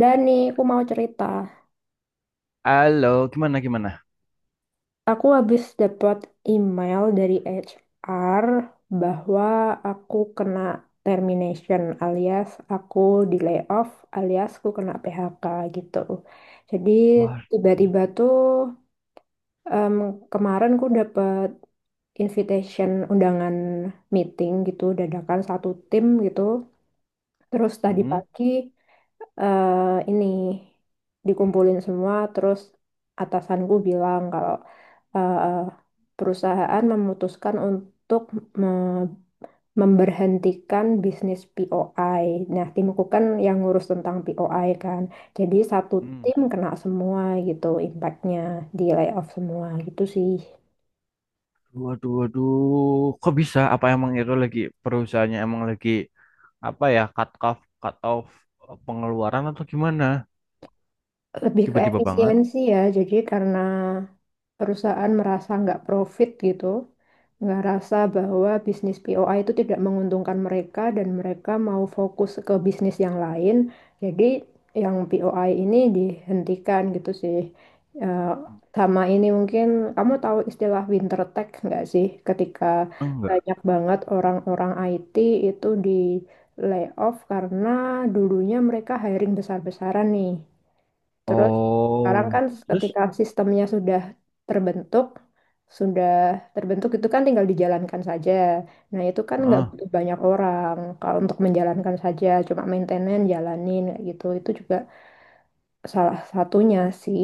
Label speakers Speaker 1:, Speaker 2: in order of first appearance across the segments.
Speaker 1: Dan nih, aku mau cerita.
Speaker 2: Halo, gimana gimana?
Speaker 1: Aku habis dapat email dari HR bahwa aku kena termination alias aku di layoff alias aku kena PHK gitu. Jadi
Speaker 2: Wah.
Speaker 1: tiba-tiba tuh em, kemarin aku dapat invitation undangan meeting gitu dadakan satu tim gitu. Terus tadi
Speaker 2: mm,
Speaker 1: pagi ini dikumpulin semua terus atasanku bilang kalau eh, perusahaan memutuskan untuk me- memberhentikan bisnis POI. Nah, timku kan yang ngurus tentang POI kan. Jadi satu
Speaker 2: mm.
Speaker 1: tim kena semua gitu impactnya di layoff semua gitu sih.
Speaker 2: Waduh, waduh, kok bisa? Apa emang itu lagi perusahaannya emang lagi apa ya cut off pengeluaran atau gimana?
Speaker 1: Lebih ke
Speaker 2: Tiba-tiba banget?
Speaker 1: efisiensi ya. Jadi karena perusahaan merasa nggak profit gitu, nggak rasa bahwa bisnis POI itu tidak menguntungkan mereka dan mereka mau fokus ke bisnis yang lain. Jadi yang POI ini dihentikan gitu sih. Eh, sama ini mungkin kamu tahu istilah winter tech nggak sih? Ketika
Speaker 2: Enggak.
Speaker 1: banyak banget orang-orang IT itu di layoff karena dulunya mereka hiring besar-besaran nih. Terus sekarang kan
Speaker 2: Oh, terus?
Speaker 1: ketika sistemnya terbentuk, sudah terbentuk itu kan tinggal dijalankan saja. Nah itu kan nggak
Speaker 2: Ah,
Speaker 1: butuh banyak orang kalau untuk menjalankan saja, cuma maintenance jalanin kayak gitu. Itu juga salah satunya sih.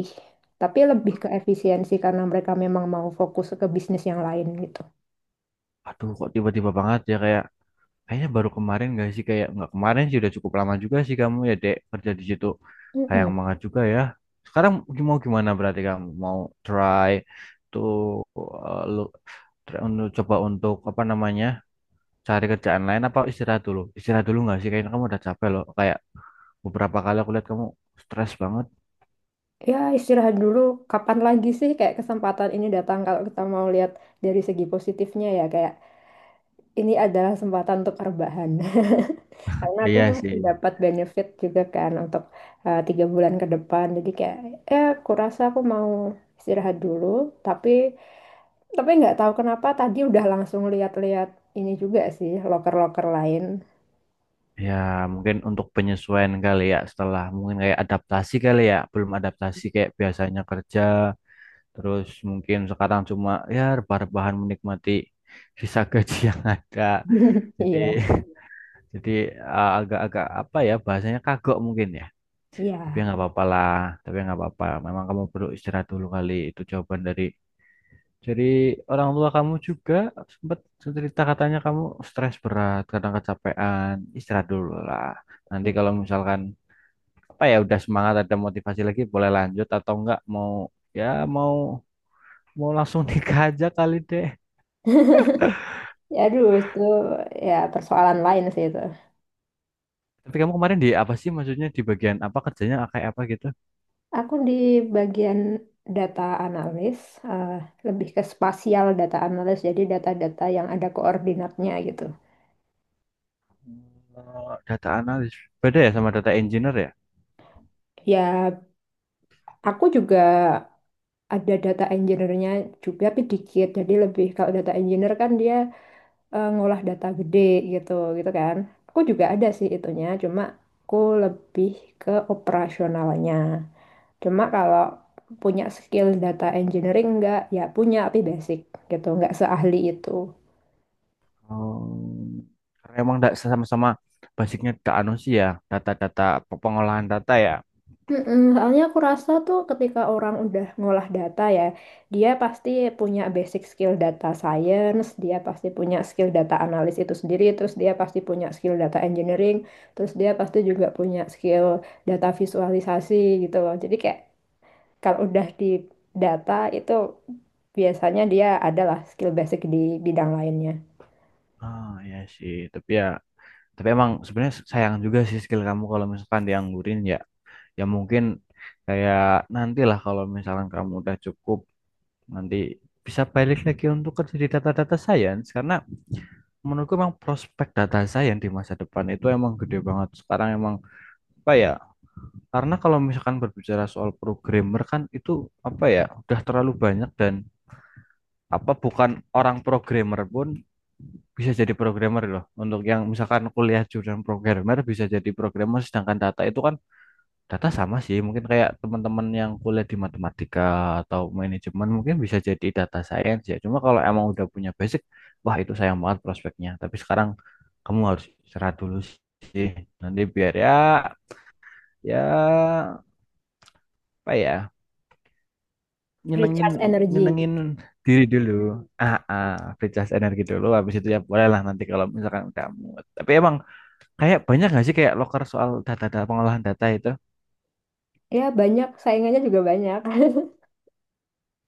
Speaker 1: Tapi lebih ke efisiensi karena mereka memang mau fokus ke bisnis yang lain gitu.
Speaker 2: aduh, kok tiba-tiba banget ya kayak kayaknya baru kemarin gak sih kayak nggak kemarin sih udah cukup lama juga sih kamu ya dek kerja di situ. Sayang
Speaker 1: Mm-mm.
Speaker 2: banget juga ya. Sekarang mau gimana berarti kamu mau try? Tuh, untuk coba untuk apa namanya cari kerjaan lain apa istirahat dulu? Istirahat dulu nggak sih? Kayaknya kamu udah capek loh. Kayak beberapa kali aku lihat kamu stres banget.
Speaker 1: Ya istirahat dulu. Kapan lagi sih kayak kesempatan ini datang kalau kita mau lihat dari segi positifnya ya kayak ini adalah kesempatan untuk rebahan. Karena aku
Speaker 2: Iya
Speaker 1: masih
Speaker 2: sih.
Speaker 1: dapat benefit juga kan untuk tiga bulan ke depan. Jadi kayak, aku rasa aku mau istirahat dulu. Tapi, tapi nggak tahu kenapa tadi udah langsung lihat-lihat ini juga sih, loker-loker lain.
Speaker 2: Ya mungkin untuk penyesuaian kali ya setelah mungkin kayak adaptasi kali ya. Belum adaptasi kayak biasanya kerja. Terus mungkin sekarang cuma ya rebah-rebahan menikmati sisa gaji yang ada. Jadi
Speaker 1: Iya,
Speaker 2: jadi, agak-agak apa ya bahasanya kagok mungkin ya. Tapi ya
Speaker 1: iya.
Speaker 2: nggak apa-apa lah, tapi ya nggak apa-apa. Memang kamu perlu istirahat dulu kali. Itu jawaban dari orang tua kamu juga sempat cerita katanya kamu stres berat, kadang kecapean. Istirahat dulu lah. Nanti kalau misalkan apa ya udah semangat ada motivasi lagi boleh lanjut atau enggak mau ya mau mau langsung nikah aja kali deh.
Speaker 1: Ya, aduh, itu ya persoalan lain sih itu.
Speaker 2: Tapi kamu kemarin di apa sih maksudnya di bagian apa kerjanya kayak apa gitu?
Speaker 1: Aku di bagian data analis, eh, lebih ke spasial data analis, jadi data-data yang ada koordinatnya gitu.
Speaker 2: Data analis. Beda ya sama data engineer ya?
Speaker 1: Ya, aku juga ada data engineer-nya juga tapi dikit jadi lebih kalau data engineer kan dia ngolah data gede gitu gitu kan aku juga ada sih itunya cuma aku lebih ke operasionalnya cuma kalau punya skill data engineering enggak ya punya tapi basic gitu nggak seahli itu.
Speaker 2: Oh, karena emang nggak sama-sama basicnya tak anu sih ya data-data pengolahan data ya.
Speaker 1: Mm-mm, soalnya aku rasa tuh ketika orang udah ngolah data ya, dia pasti punya basic skill data science, dia pasti punya skill data analis itu sendiri, terus dia pasti punya skill data engineering, terus dia pasti juga punya skill data visualisasi gitu loh. Jadi kayak kalau udah di data itu biasanya dia adalah skill basic di bidang lainnya.
Speaker 2: Ah ya sih, tapi ya tapi emang sebenarnya sayang juga sih skill kamu kalau misalkan dianggurin ya. Ya mungkin kayak nantilah kalau misalkan kamu udah cukup nanti bisa balik lagi untuk kerja di data-data science karena menurutku emang prospek data science di masa depan itu emang gede banget. Sekarang emang apa ya? Karena kalau misalkan berbicara soal programmer kan itu apa ya udah terlalu banyak dan apa bukan orang programmer pun bisa jadi programmer loh. Untuk yang misalkan kuliah jurusan programmer bisa jadi programmer sedangkan data itu kan data sama sih. Mungkin kayak teman-teman yang kuliah di matematika atau manajemen mungkin bisa jadi data science ya. Cuma kalau emang udah punya basic, wah itu sayang banget prospeknya. Tapi sekarang kamu harus istirahat dulu sih. Nanti biar ya ya apa ya nyenengin
Speaker 1: Recharge energy.
Speaker 2: nyenengin diri dulu ah, recharge energi dulu habis itu ya boleh lah nanti kalau misalkan udah mood tapi emang kayak banyak nggak sih kayak loker soal data-data pengolahan data itu
Speaker 1: Ya banyak, saingannya juga banyak.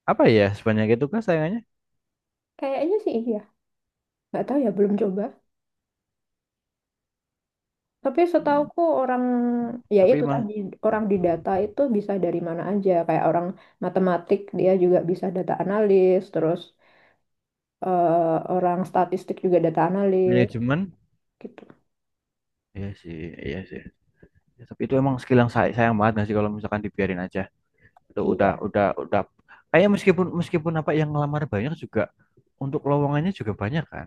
Speaker 2: apa ya sebanyak itu kah sayangnya.
Speaker 1: Kayaknya sih iya. Nggak tahu ya, belum coba. Tapi
Speaker 2: Hmm,
Speaker 1: setauku orang ya
Speaker 2: tapi
Speaker 1: itu
Speaker 2: mas
Speaker 1: tadi orang di data itu bisa dari mana aja kayak orang matematik dia juga bisa data analis terus orang statistik juga data analis
Speaker 2: manajemen
Speaker 1: gitu.
Speaker 2: iya sih iya sih. Ya, tapi itu emang skill yang sayang banget nggak sih kalau misalkan dibiarin aja itu udah
Speaker 1: Iya,
Speaker 2: udah udah kayak meskipun meskipun apa yang ngelamar banyak juga untuk lowongannya juga banyak kan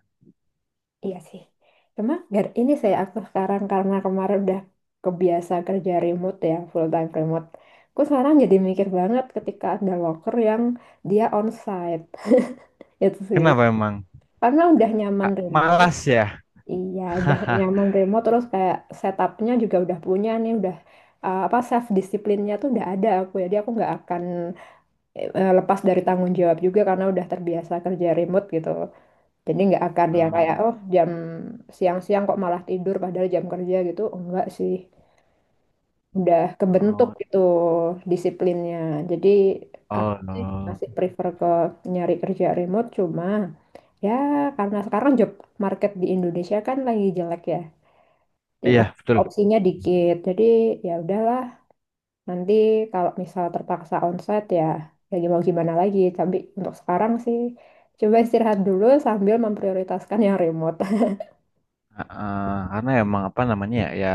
Speaker 1: iya sih. Cuma ini aku sekarang karena kemarin udah kebiasa kerja remote ya full time remote. Aku sekarang jadi mikir banget ketika ada worker yang dia onsite itu sih
Speaker 2: kenapa emang.
Speaker 1: karena udah nyaman
Speaker 2: Ah,
Speaker 1: remote.
Speaker 2: malas ya.
Speaker 1: Iya, udah nyaman remote terus kayak setupnya juga udah punya nih, udah apa self disiplinnya tuh udah ada aku ya. Jadi aku nggak akan lepas dari tanggung jawab juga karena udah terbiasa kerja remote gitu. Jadi nggak akan yang
Speaker 2: Hmm.
Speaker 1: kayak oh jam siang-siang kok malah tidur padahal jam kerja gitu, enggak sih. Udah kebentuk
Speaker 2: Oh.
Speaker 1: gitu disiplinnya. Jadi aku
Speaker 2: Oh,
Speaker 1: sih
Speaker 2: no.
Speaker 1: masih prefer ke nyari kerja remote cuma ya karena sekarang job market di Indonesia kan lagi jelek ya. Jadi,
Speaker 2: Iya, betul.
Speaker 1: opsinya dikit. Jadi ya udahlah, nanti kalau misal terpaksa onsite ya ya mau gimana lagi. Tapi untuk sekarang sih coba istirahat dulu sambil memprioritaskan yang remote.
Speaker 2: Heeh, karena emang apa namanya ya, ya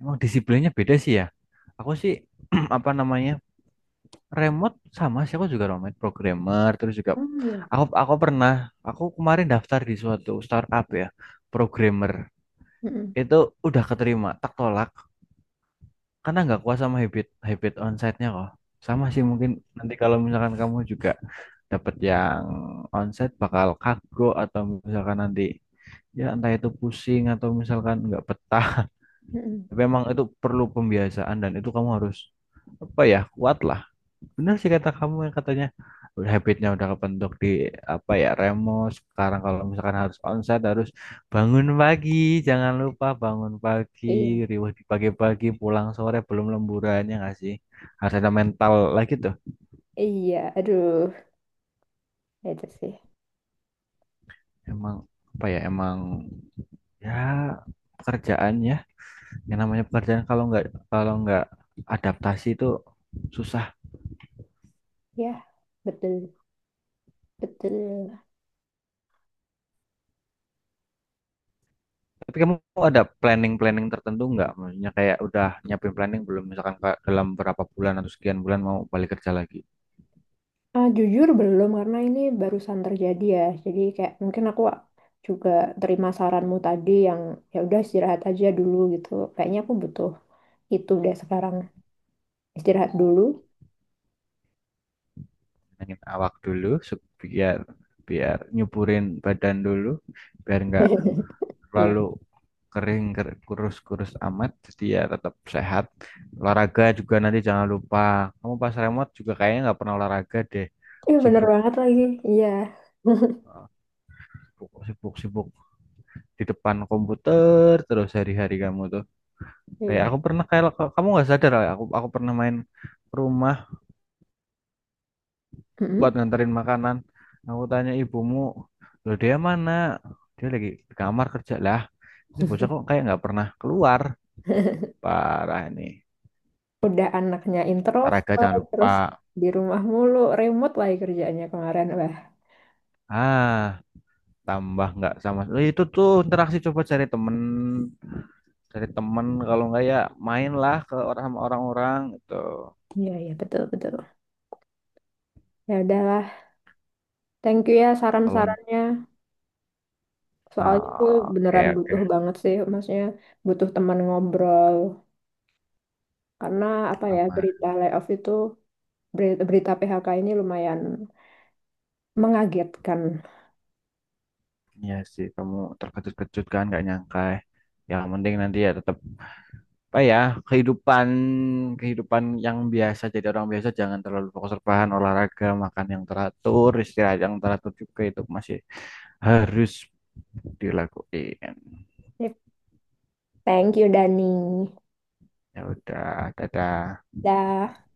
Speaker 2: emang disiplinnya beda sih ya. Aku sih apa namanya remote sama sih aku juga remote programmer terus juga
Speaker 1: Oh iya.
Speaker 2: aku pernah aku kemarin daftar di suatu startup ya programmer
Speaker 1: Mm-mm.
Speaker 2: itu udah keterima tak tolak karena nggak kuat sama habit habit onsite-nya kok. Sama sih
Speaker 1: Oh.
Speaker 2: mungkin nanti kalau misalkan kamu juga dapat yang onsite bakal kago atau misalkan nanti ya entah itu pusing atau misalkan nggak betah
Speaker 1: Mm-mm.
Speaker 2: tapi emang itu perlu pembiasaan dan itu kamu harus apa ya kuat lah bener sih kata kamu yang katanya udah habitnya udah kebentuk di apa ya remo sekarang kalau misalkan harus onset harus bangun pagi jangan lupa bangun pagi
Speaker 1: Iya,
Speaker 2: riwah di pagi-pagi pulang sore belum lemburannya nggak sih harus ada mental lagi tuh
Speaker 1: iya, aduh, itu sih.
Speaker 2: emang apa ya emang ya pekerjaannya. Yang namanya pekerjaan kalau nggak adaptasi itu susah.
Speaker 1: Ya, betul, betul.
Speaker 2: Tapi kamu ada planning-planning tertentu nggak? Maksudnya kayak udah nyiapin planning belum? Misalkan kayak dalam berapa bulan atau sekian bulan mau balik kerja lagi.
Speaker 1: Ah, jujur belum karena ini barusan terjadi ya. Jadi kayak mungkin aku juga terima saranmu tadi yang ya udah istirahat aja dulu gitu. Kayaknya aku butuh itu deh sekarang. Istirahat dulu.
Speaker 2: Nangin awak dulu biar biar nyuburin badan dulu biar nggak
Speaker 1: Iya.
Speaker 2: terlalu kering kurus-kurus amat jadi ya tetap sehat olahraga juga nanti jangan lupa kamu pas remote juga kayaknya nggak pernah olahraga deh
Speaker 1: Iya bener
Speaker 2: sibuk
Speaker 1: banget lagi. Iya.
Speaker 2: sibuk sibuk di depan komputer terus hari-hari kamu tuh kayak
Speaker 1: Iya.
Speaker 2: aku pernah kayak kamu nggak sadar kayak aku pernah main ke rumah buat
Speaker 1: Mm-mm.
Speaker 2: nganterin makanan aku tanya ibumu lo dia mana dia lagi di kamar kerja lah ini bocah kok kayak nggak pernah keluar parah ini
Speaker 1: Udah anaknya
Speaker 2: parah gak jangan
Speaker 1: introvert
Speaker 2: lupa
Speaker 1: terus di rumah mulu, remote lagi kerjaannya kemarin. Wah.
Speaker 2: ah tambah nggak sama. Eh, itu tuh interaksi coba cari temen kalau nggak ya mainlah ke orang sama orang-orang gitu
Speaker 1: Iya, iya betul betul. Ya udahlah. Thank you ya
Speaker 2: kalau.
Speaker 1: saran-sarannya. Soalnya gue
Speaker 2: Ah, oke,
Speaker 1: beneran
Speaker 2: oke.
Speaker 1: butuh banget sih, maksudnya butuh teman ngobrol. Karena apa ya,
Speaker 2: Sama.
Speaker 1: berita layoff itu, berita PHK ini lumayan mengagetkan.
Speaker 2: Iya sih, kamu terkejut-kejut kan, nggak nyangka. Ya, ya, mending nanti ya tetap apa ya kehidupan kehidupan yang biasa jadi orang biasa jangan terlalu fokus rebahan olahraga makan yang teratur istirahat yang teratur juga itu masih harus dilakuin.
Speaker 1: Thank you, Dani.
Speaker 2: Ya udah, dadah.
Speaker 1: Dah.